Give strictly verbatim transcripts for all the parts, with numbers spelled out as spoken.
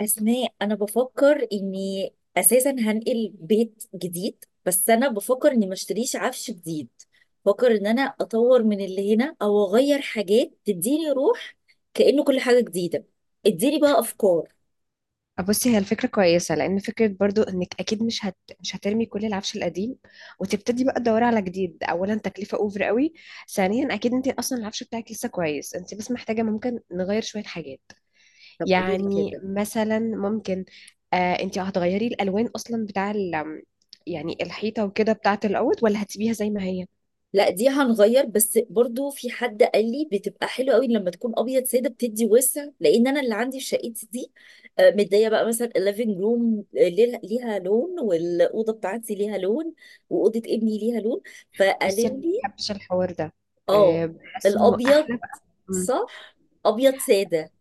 أسماء، أنا بفكر إني أساسا هنقل بيت جديد، بس أنا بفكر إني ما اشتريش عفش جديد. بفكر إن أنا أطور من اللي هنا أو أغير حاجات تديني روح كأنه كل حاجة جديدة. اديني بقى أفكار. آه، بصي هي الفكرة كويسة لأن فكرة برضو إنك أكيد مش هت... مش هترمي كل العفش القديم، وتبتدي بقى تدوري على جديد. أولا تكلفة أوفر قوي، ثانيا أكيد أنت أصلا العفش بتاعك لسه كويس، أنت بس محتاجة ممكن نغير شوية حاجات. طب قولي لي يعني كده. مثلا ممكن، آه أنت هتغيري الألوان أصلا بتاع ال... يعني الحيطة وكده بتاعة الأوض، ولا هتسيبيها زي ما هي؟ لا، دي هنغير، بس برضو في حد قال لي بتبقى حلوه قوي لما تكون ابيض ساده، بتدي وسع، لان انا اللي عندي في شقتي دي، آه، مديه بقى مثلا الليفنج روم ليها لون والاوضه بتاعتي ليها لون واوضه ابني ليها لون. بصي أنا فقالوا ما لي. بحبش الحوار ده. اه. آه، بحس إنه الابيض، أحلى بقى. إمم. صح. ابيض ساده.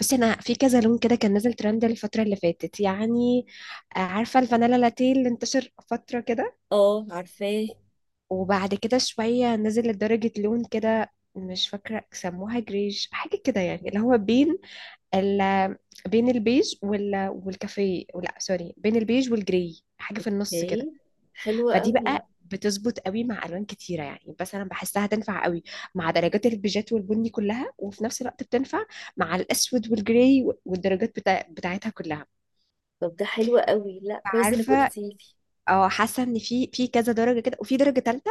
بصي انا في كذا لون كده كان نازل ترند الفتره اللي فاتت يعني. آه، عارفه الفانيلا لاتيه اللي انتشر فتره كده، اه، عارفاه. وبعد كده شويه نزل لدرجه لون كده مش فاكره سموها جريج حاجه كده، يعني اللي هو بين ال بين البيج وال والكافيه، لا سوري، بين البيج والجري، حاجه في النص كده. اوكي، حلوه فدي قوي. بقى بتظبط قوي مع الوان كتيره يعني، بس انا بحسها تنفع قوي مع درجات البيجات والبني كلها، وفي نفس الوقت بتنفع مع الاسود والجراي والدرجات بتا... بتاعتها كلها. طب ده حلو قوي، لا كويس انك عارفه، قلتي لي. اه، حاسه ان في في كذا درجه كده، وفي درجه ثالثه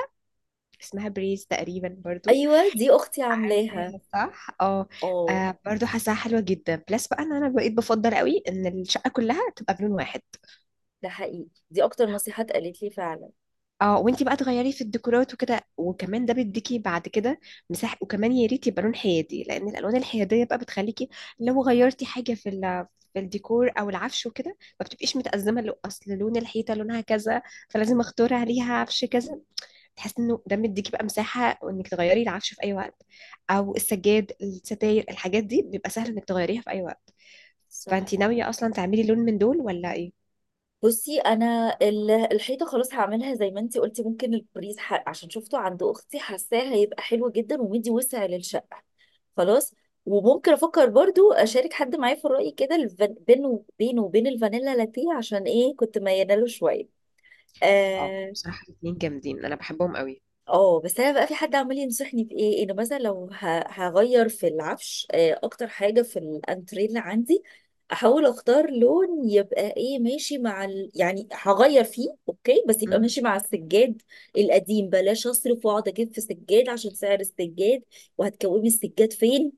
اسمها بريز تقريبا برضو. ايوه، دي اختي عاملاها. عارفاها صح، اه. اه. آه، برضو حاساها حلوه جدا، بلس بقى ان انا بقيت بفضل قوي ان الشقه كلها تبقى بلون واحد. ده حقيقي، دي اكتر نصيحة اتقالت لي فعلا. اه، وانتي بقى تغيري في الديكورات وكده، وكمان ده بيديكي بعد كده مساحه، وكمان يا ريت يبقى لون حيادي، لان الالوان الحياديه بقى بتخليكي لو غيرتي حاجه في ال في الديكور او العفش وكده، ما بتبقيش متأزمه لو اصل لون الحيطه لونها كذا، فلازم اختار عليها عفش كذا. تحس انه ده مديكي بقى مساحه انك تغيري العفش في اي وقت، او السجاد، الستاير، الحاجات دي بيبقى سهل انك تغيريها في اي وقت. صح. فانتي ناويه اصلا تعملي لون من دول ولا ايه؟ بصي، انا ال- الحيطه خلاص هعملها زي ما انتي قلتي، ممكن البريز، ح- عشان شفته عند اختي حاساه هيبقى حلو جدا ومدي وسع للشقه. خلاص. وممكن افكر برضو اشارك حد معايا في الرأي كده، الفان- بينه بينه وبين الفانيلا لاتيه، عشان ايه كنت مياله له شويه. اه، آه. بصراحه الاتنين جامدين، انا بحبهم قوي. اه بس انا بقى في حد عمال ينصحني في ايه، انه مثلا لو ه- هغير في العفش، آه، اكتر حاجه في الانتريه اللي عندي احاول اختار لون يبقى ايه ماشي مع ال... يعني هغير فيه اوكي بس يبقى مم. ماشي مع السجاد القديم، بلاش اصرف واقعد اجيب في سجاد عشان سعر السجاد، وهتكومي السجاد فين.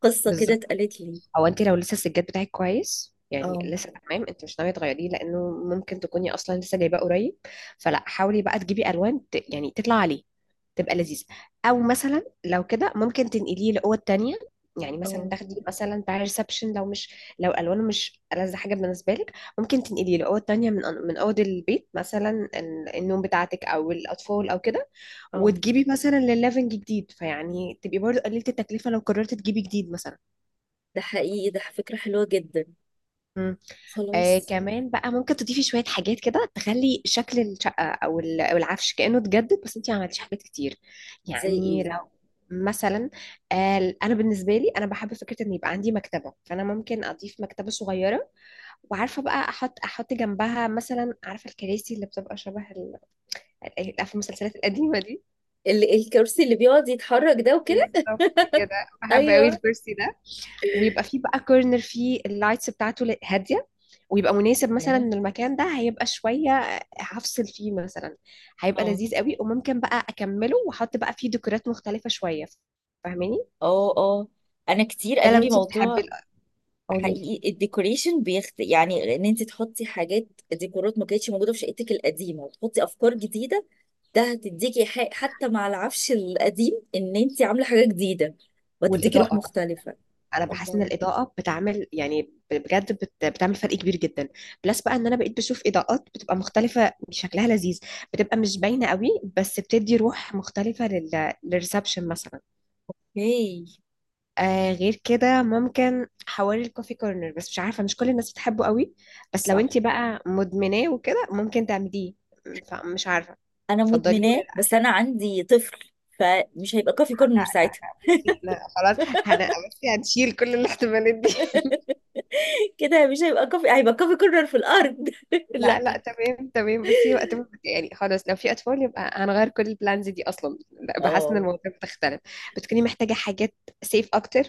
قصه كده بالظبط. اتقالت لي. او انت لو لسه السجاد بتاعك كويس، يعني اه لسه تمام، انت مش ناويه تغيريه لانه ممكن تكوني اصلا لسه جايباه قريب. فلا، حاولي بقى تجيبي الوان ت... يعني تطلع عليه، تبقى لذيذه. او مثلا لو كده ممكن تنقليه لاوض تانية، يعني مثلا اه تاخدي مثلا بتاع ريسبشن، لو مش لو الوانه مش ألذ حاجه بالنسبه لك، ممكن تنقليه لاوض تانية من من اوض البيت، مثلا ال- النوم بتاعتك او الاطفال او كده، اه. وتجيبي مثلا للليفنج جديد، فيعني تبقي برضه قللتي التكلفه لو قررتي تجيبي جديد مثلا. ده حقيقي، ده فكره حلوه جدا. مم. آه، خلاص. كمان بقى ممكن تضيفي شوية حاجات كده تخلي شكل الشقة أو ال- أو العفش كأنه اتجدد، بس أنتي ما عملتيش حاجات كتير. زي يعني ايه. لو مثلا، آه أنا بالنسبة لي أنا بحب فكرة إن يبقى عندي مكتبة، فأنا ممكن أضيف مكتبة صغيرة، وعارفة بقى أحط أحط جنبها مثلا، عارفة الكراسي اللي بتبقى شبه ال- ال- عارفة المسلسلات القديمة دي. ال- الكرسي اللي بيقعد يتحرك ده وكده. بالظبط، كده بحب قوي ايوه. الكرسي ده، ويبقى فيه بقى كورنر فيه اللايتس بتاعته ل- هادية، ويبقى مناسب مثلا ان المكان ده هيبقى شوية هفصل فيه مثلا. هيبقى اه لذيذ قوي، وممكن بقى اكمله واحط بقى فيه ديكورات مختلفة شوية، فاهماني؟ اه اه، انا كتير ده قالوا لو لي انت بتحبي موضوع. ال- قولي لي. حقيقي الديكوريشن بيخت، يعني ان انت تحطي حاجات ديكورات ما كانتش موجوده في شقتك القديمه، وتحطي افكار جديده. ده هتديكي حق حتى مع العفش القديم، ان انت عامله حاجه جديده، وهتديكي روح والاضاءه على فكرة. مختلفه. انا بحس ان الله. الاضاءه بتعمل يعني بجد بت... بتعمل فرق كبير جدا، بلس بقى ان انا بقيت بشوف اضاءات بتبقى مختلفه شكلها لذيذ، بتبقى مش باينه قوي، بس بتدي روح مختلفه لل... للريسبشن مثلا. هي. آه غير كده ممكن حواري الكوفي كورنر، بس مش عارفة مش كل الناس بتحبه قوي، بس لو صح. انت بقى مدمناه وكده ممكن تعمليه، فمش عارفة انا تفضليه ولا مدمناه لا. بس انا عندي طفل. فمش هيبقى كافي كورنر لا لا ساعتها. لا، بصي احنا خلاص هن- بصي هنشيل كل الاحتمالات دي كده مش هيبقى كافي، هيبقى كافي كورنر في الارض لا لا، لا. تمام تمام، بصي وقت ما- يعني خلاص لو في اطفال يبقى هنغير كل البلانز دي اصلا، لا، بحس ان اه. الموضوع بتختلف. بتكوني محتاجة حاجات سيف اكتر،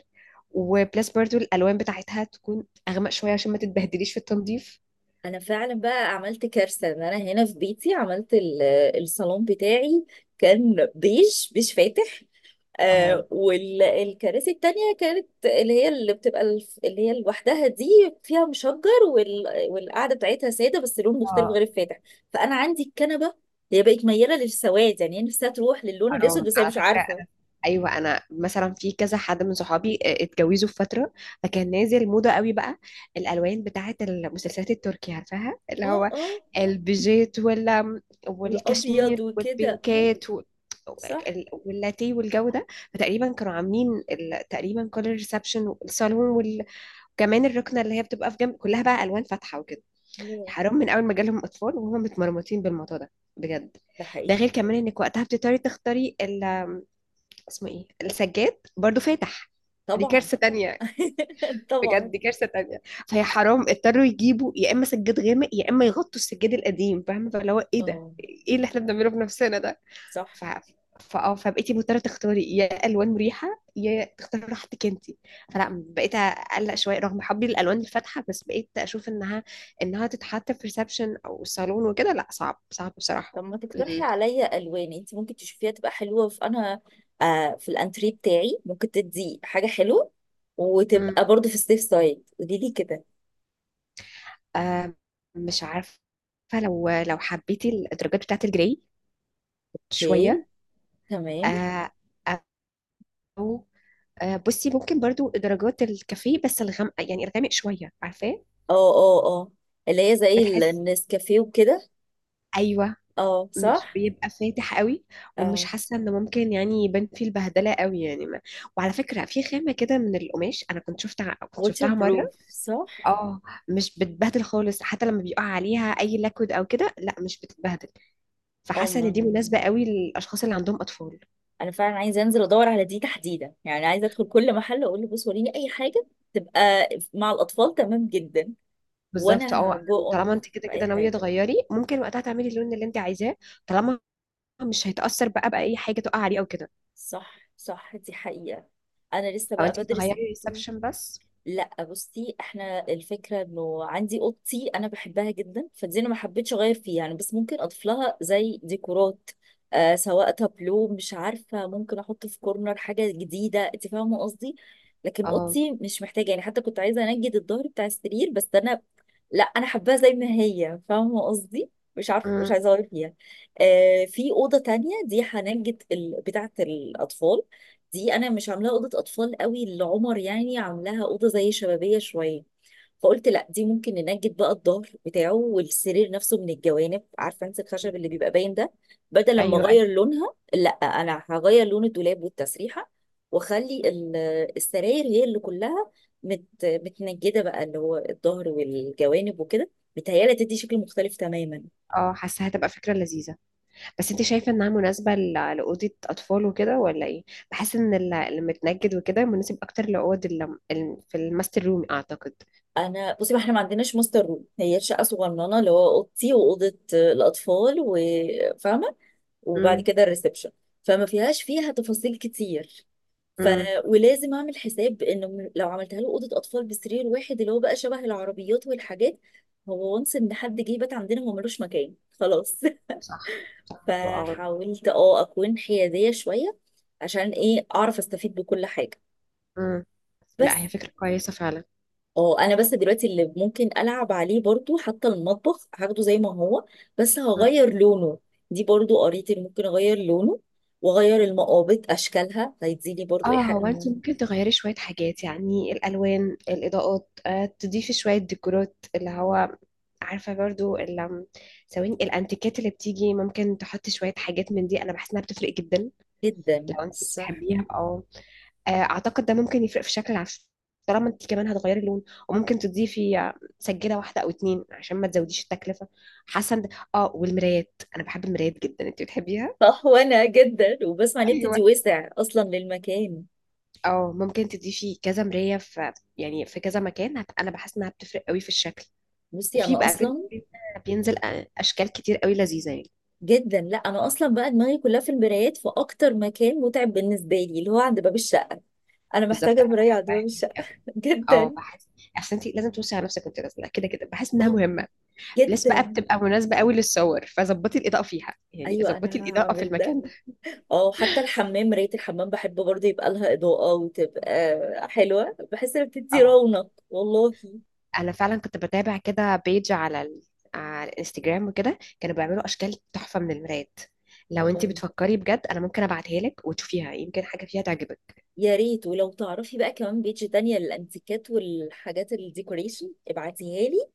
وبلس برضو الالوان بتاعتها تكون اغمق شوية عشان ما تتبهدليش في التنظيف. انا فعلا بقى عملت كارثه، ان انا هنا في بيتي عملت ال- الصالون بتاعي كان بيج بيج فاتح، اه آه، والكراسي التانية كانت اللي هي اللي بتبقى الف- اللي هي لوحدها دي فيها مشجر وال... والقعدة بتاعتها سادة بس لون مختلف اه، غير الفاتح. فأنا عندي الكنبة هي بقت ميالة للسواد، يعني هي نفسها تروح للون الأسود حرام بس هي على مش فكرة. عارفة. أنا، أيوة أنا مثلا في كذا حد من صحابي آه، اتجوزوا في فترة، فكان نازل موضة قوي بقى الألوان بتاعة المسلسلات التركية، عارفاها اللي اه هو اه. البيجيت ولا والأبيض والكشمير وكده، اه. والبينكات و- صح. وال- واللاتيه والجو ده. فتقريبا كانوا عاملين ال- تقريبا كل الريسبشن والصالون وال- وكمان الركنة اللي هي بتبقى في جنب كلها بقى ألوان فاتحة وكده. الله، حرام، من أول ما جالهم أطفال وهم متمرمطين بالموضوع ده بجد. ده ده حقيقي. غير كمان انك وقتها بتضطري تختاري ال اسمه ايه، السجاد برضو فاتح. دي طبعا. كارثة تانية، بجد طبعا. دي كارثة تانية. فهي حرام، اضطروا يجيبوا يا اما سجاد غامق يا اما يغطوا السجاد القديم، فاهمة؟ فاللي هو ايه ده، اه ايه اللي احنا بنعمله في نفسنا ده. صح. ف فاه فبقيتي مضطرة تختاري يا الوان مريحة يا تختاري راحتك انتي. فلا، بقيت اقلق شوية رغم حبي للالوان الفاتحة، بس بقيت اشوف انها انها تتحط في ريسبشن او صالون وكده، لا، صعب صعب بصراحة. طب ما تقترحي عليا الوان انت ممكن تشوفيها تبقى حلوه في انا، آه، في الانتريه بتاعي ممكن تدي حاجه حلوه، وتبقى برضو في السيف سايد. قولي لي كده. آه، مش عارفة، لو لو حبيتي الدرجات بتاعة الجري اوكي شوية، تمام. آه، أو آه، بصي ممكن برضو درجات الكافيه بس الغامق، يعني الغامق شوية عارفاه، اه اه اه، اللي هي زي ال- بتحس، النسكافيه وكده. أيوة، اه مش صح. بيبقى فاتح قوي، ومش اه. حاسة إن ممكن يعني يبان فيه البهدلة قوي يعني ما. وعلى فكرة في خامة كده من القماش أنا كنت شفتها كنت ووتر شفتها بروف، مرة، صح. اه، مش بتبهدل خالص، حتى لما بيقع عليها أي لاكود أو كده لا مش بتتبهدل، اه، فحاسة ما إن دي انا مناسبة قوي للأشخاص اللي عندهم أطفال. انا فعلا عايزه انزل ادور على دي تحديدا، يعني عايزه ادخل كل محل اقول له بص وريني اي حاجه تبقى مع الاطفال تمام جدا. بالظبط، وانا اه، هجو اون طالما انت كده في كده اي ناويه حاجه. تغيري ممكن وقتها تعملي اللون اللي انت عايزاه، طالما مش هيتاثر بقى باي حاجه تقع عليه او كده، صح صح، دي حقيقة. أنا لسه او بقى انت تغيري بدرس الموضوع. الريسبشن بس. لا بصي، احنا الفكرة انه عندي اوضتي انا بحبها جدا فدي انا ما حبيتش اغير فيها يعني، بس ممكن اضيف لها زي ديكورات، آه سواء تابلو مش عارفة، ممكن احط في كورنر حاجة جديدة، انت فاهمة قصدي. لكن اه. اوضتي مش محتاجة، يعني حتى كنت عايزة انجد الظهر بتاع السرير بس انا لا، انا حباها زي ما هي، فاهمه قصدي، مش عارفه، مش أمم. عايزه اغير فيها. آه في اوضه تانية دي هنجة ال... بتاعه الاطفال، دي انا مش عاملاها اوضه اطفال قوي لعمر، يعني عاملاها اوضه زي شبابيه شويه، فقلت لا دي ممكن ننجد بقى الظهر بتاعه والسرير نفسه من الجوانب، عارفه انت الخشب اللي بيبقى باين ده. بدل لما ايوه ايوه. اغير لونها، لا انا هغير لون الدولاب والتسريحه، واخلي ال- السراير هي اللي كلها مت متنجده بقى، اللي هو الظهر والجوانب وكده، بتهيالي تدي شكل مختلف تماما. اه، حاسه هتبقى فكره لذيذه، بس انت شايفه انها مناسبه ل- لاوضه اطفال وكده ولا ايه؟ بحس ان ال- المتنجد وكده مناسب اكتر لاوض ال- ال- في الماستر روم اعتقد. انا بصي، ما احنا ما عندناش ماستر روم، هي شقه صغننه اللي هو اوضتي واوضه الاطفال، وفاهمه، وبعد امم كده الريسبشن، فما فيهاش فيها تفاصيل كتير. ف امم، ولازم اعمل حساب انه م- لو عملتها له اوضه اطفال بسرير واحد اللي هو بقى شبه العربيات والحاجات، هو وانس ان حد جه بات عندنا هو ملوش مكان خلاص صح، اه، فحاولت اه اكون حياديه شويه عشان ايه اعرف استفيد بكل حاجه. امم. بس. لا، هي فكره كويسه فعلا. اه انا بس دلوقتي اللي ممكن العب عليه برضو حتى المطبخ هاخده زي ما هو، بس هغير لونه. دي برضو قريت اللي ممكن اغير لونه واغير المقابض اشكالها هيديني برضو اه، ايحاء هو انت إنه- ممكن تغيري شوية حاجات، يعني الألوان، الإضاءات، آه تضيفي شوية ديكورات اللي هو، عارفة برضو ال- ثواني، الأنتيكات اللي بتيجي ممكن تحطي شوية حاجات من دي، أنا بحس إنها بتفرق جدا جدا لو انت صح. بتحبيها. أو آه أعتقد ده ممكن يفرق في شكل العفش طالما انت كمان هتغيري اللون، وممكن تضيفي، آه، سجادة واحدة أو اتنين عشان ما تزوديش التكلفة. حاسة إن- اه والمرايات، أنا بحب المرايات جدا، انت بتحبيها؟ صح وانا جدا وبسمع ان ايوه. بتدي وسع اصلا للمكان. اه، ممكن تضيفي كذا مراية، في يعني في كذا مكان، هت- انا بحس انها بتفرق قوي في الشكل، بصي وفي انا بقى بين اصلا. بين- بينزل أ- اشكال كتير قوي لذيذة يعني. جدا، لا انا اصلا بقى دماغي كلها في المرايات. في اكتر مكان متعب بالنسبه لي اللي هو عند باب الشقه. انا بالظبط، محتاجه انا مرايه عند بحبها باب هناك الشقه قوي، اه، جدا. بحس اصل انت لازم توصي على نفسك وانت نازله، كده كده بحس انها اه. مهمه، بلس بقى جدا. بتبقى مناسبه قوي للصور، فظبطي الاضاءه فيها يعني ايوه ظبطي انا الاضاءه في هعمل ده. المكان ده. اه حتى الحمام مراية الحمام بحب برضه يبقى لها إضاءة وتبقى حلوة، بحس إنها بتدي اه، رونق، والله. انا فعلا كنت بتابع كده بيج على ال... على الانستجرام وكده كانوا بيعملوا اشكال تحفه من المرايات، لو انت الله، بتفكري بجد انا ممكن ابعتها لك وتشوفيها يمكن حاجه فيها تعجبك. يا ريت. ولو تعرفي بقى كمان بيج تانية للأنتيكات والحاجات الديكوريشن ابعتيها لي،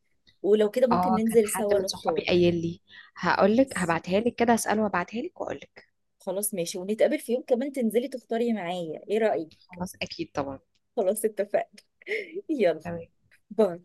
ولو كده ممكن اه، كان ننزل حد سوا من صحابي نختار. قايل لي، هقول لك، خلاص. هبعتها لك كده اساله وابعتها لك واقول لك. خلاص ماشي، ونتقابل في يوم كمان تنزلي تختاري معايا، ايه رأيك؟ خلاص، اكيد طبعا. خلاص اتفقنا. يلا. تمام. باي.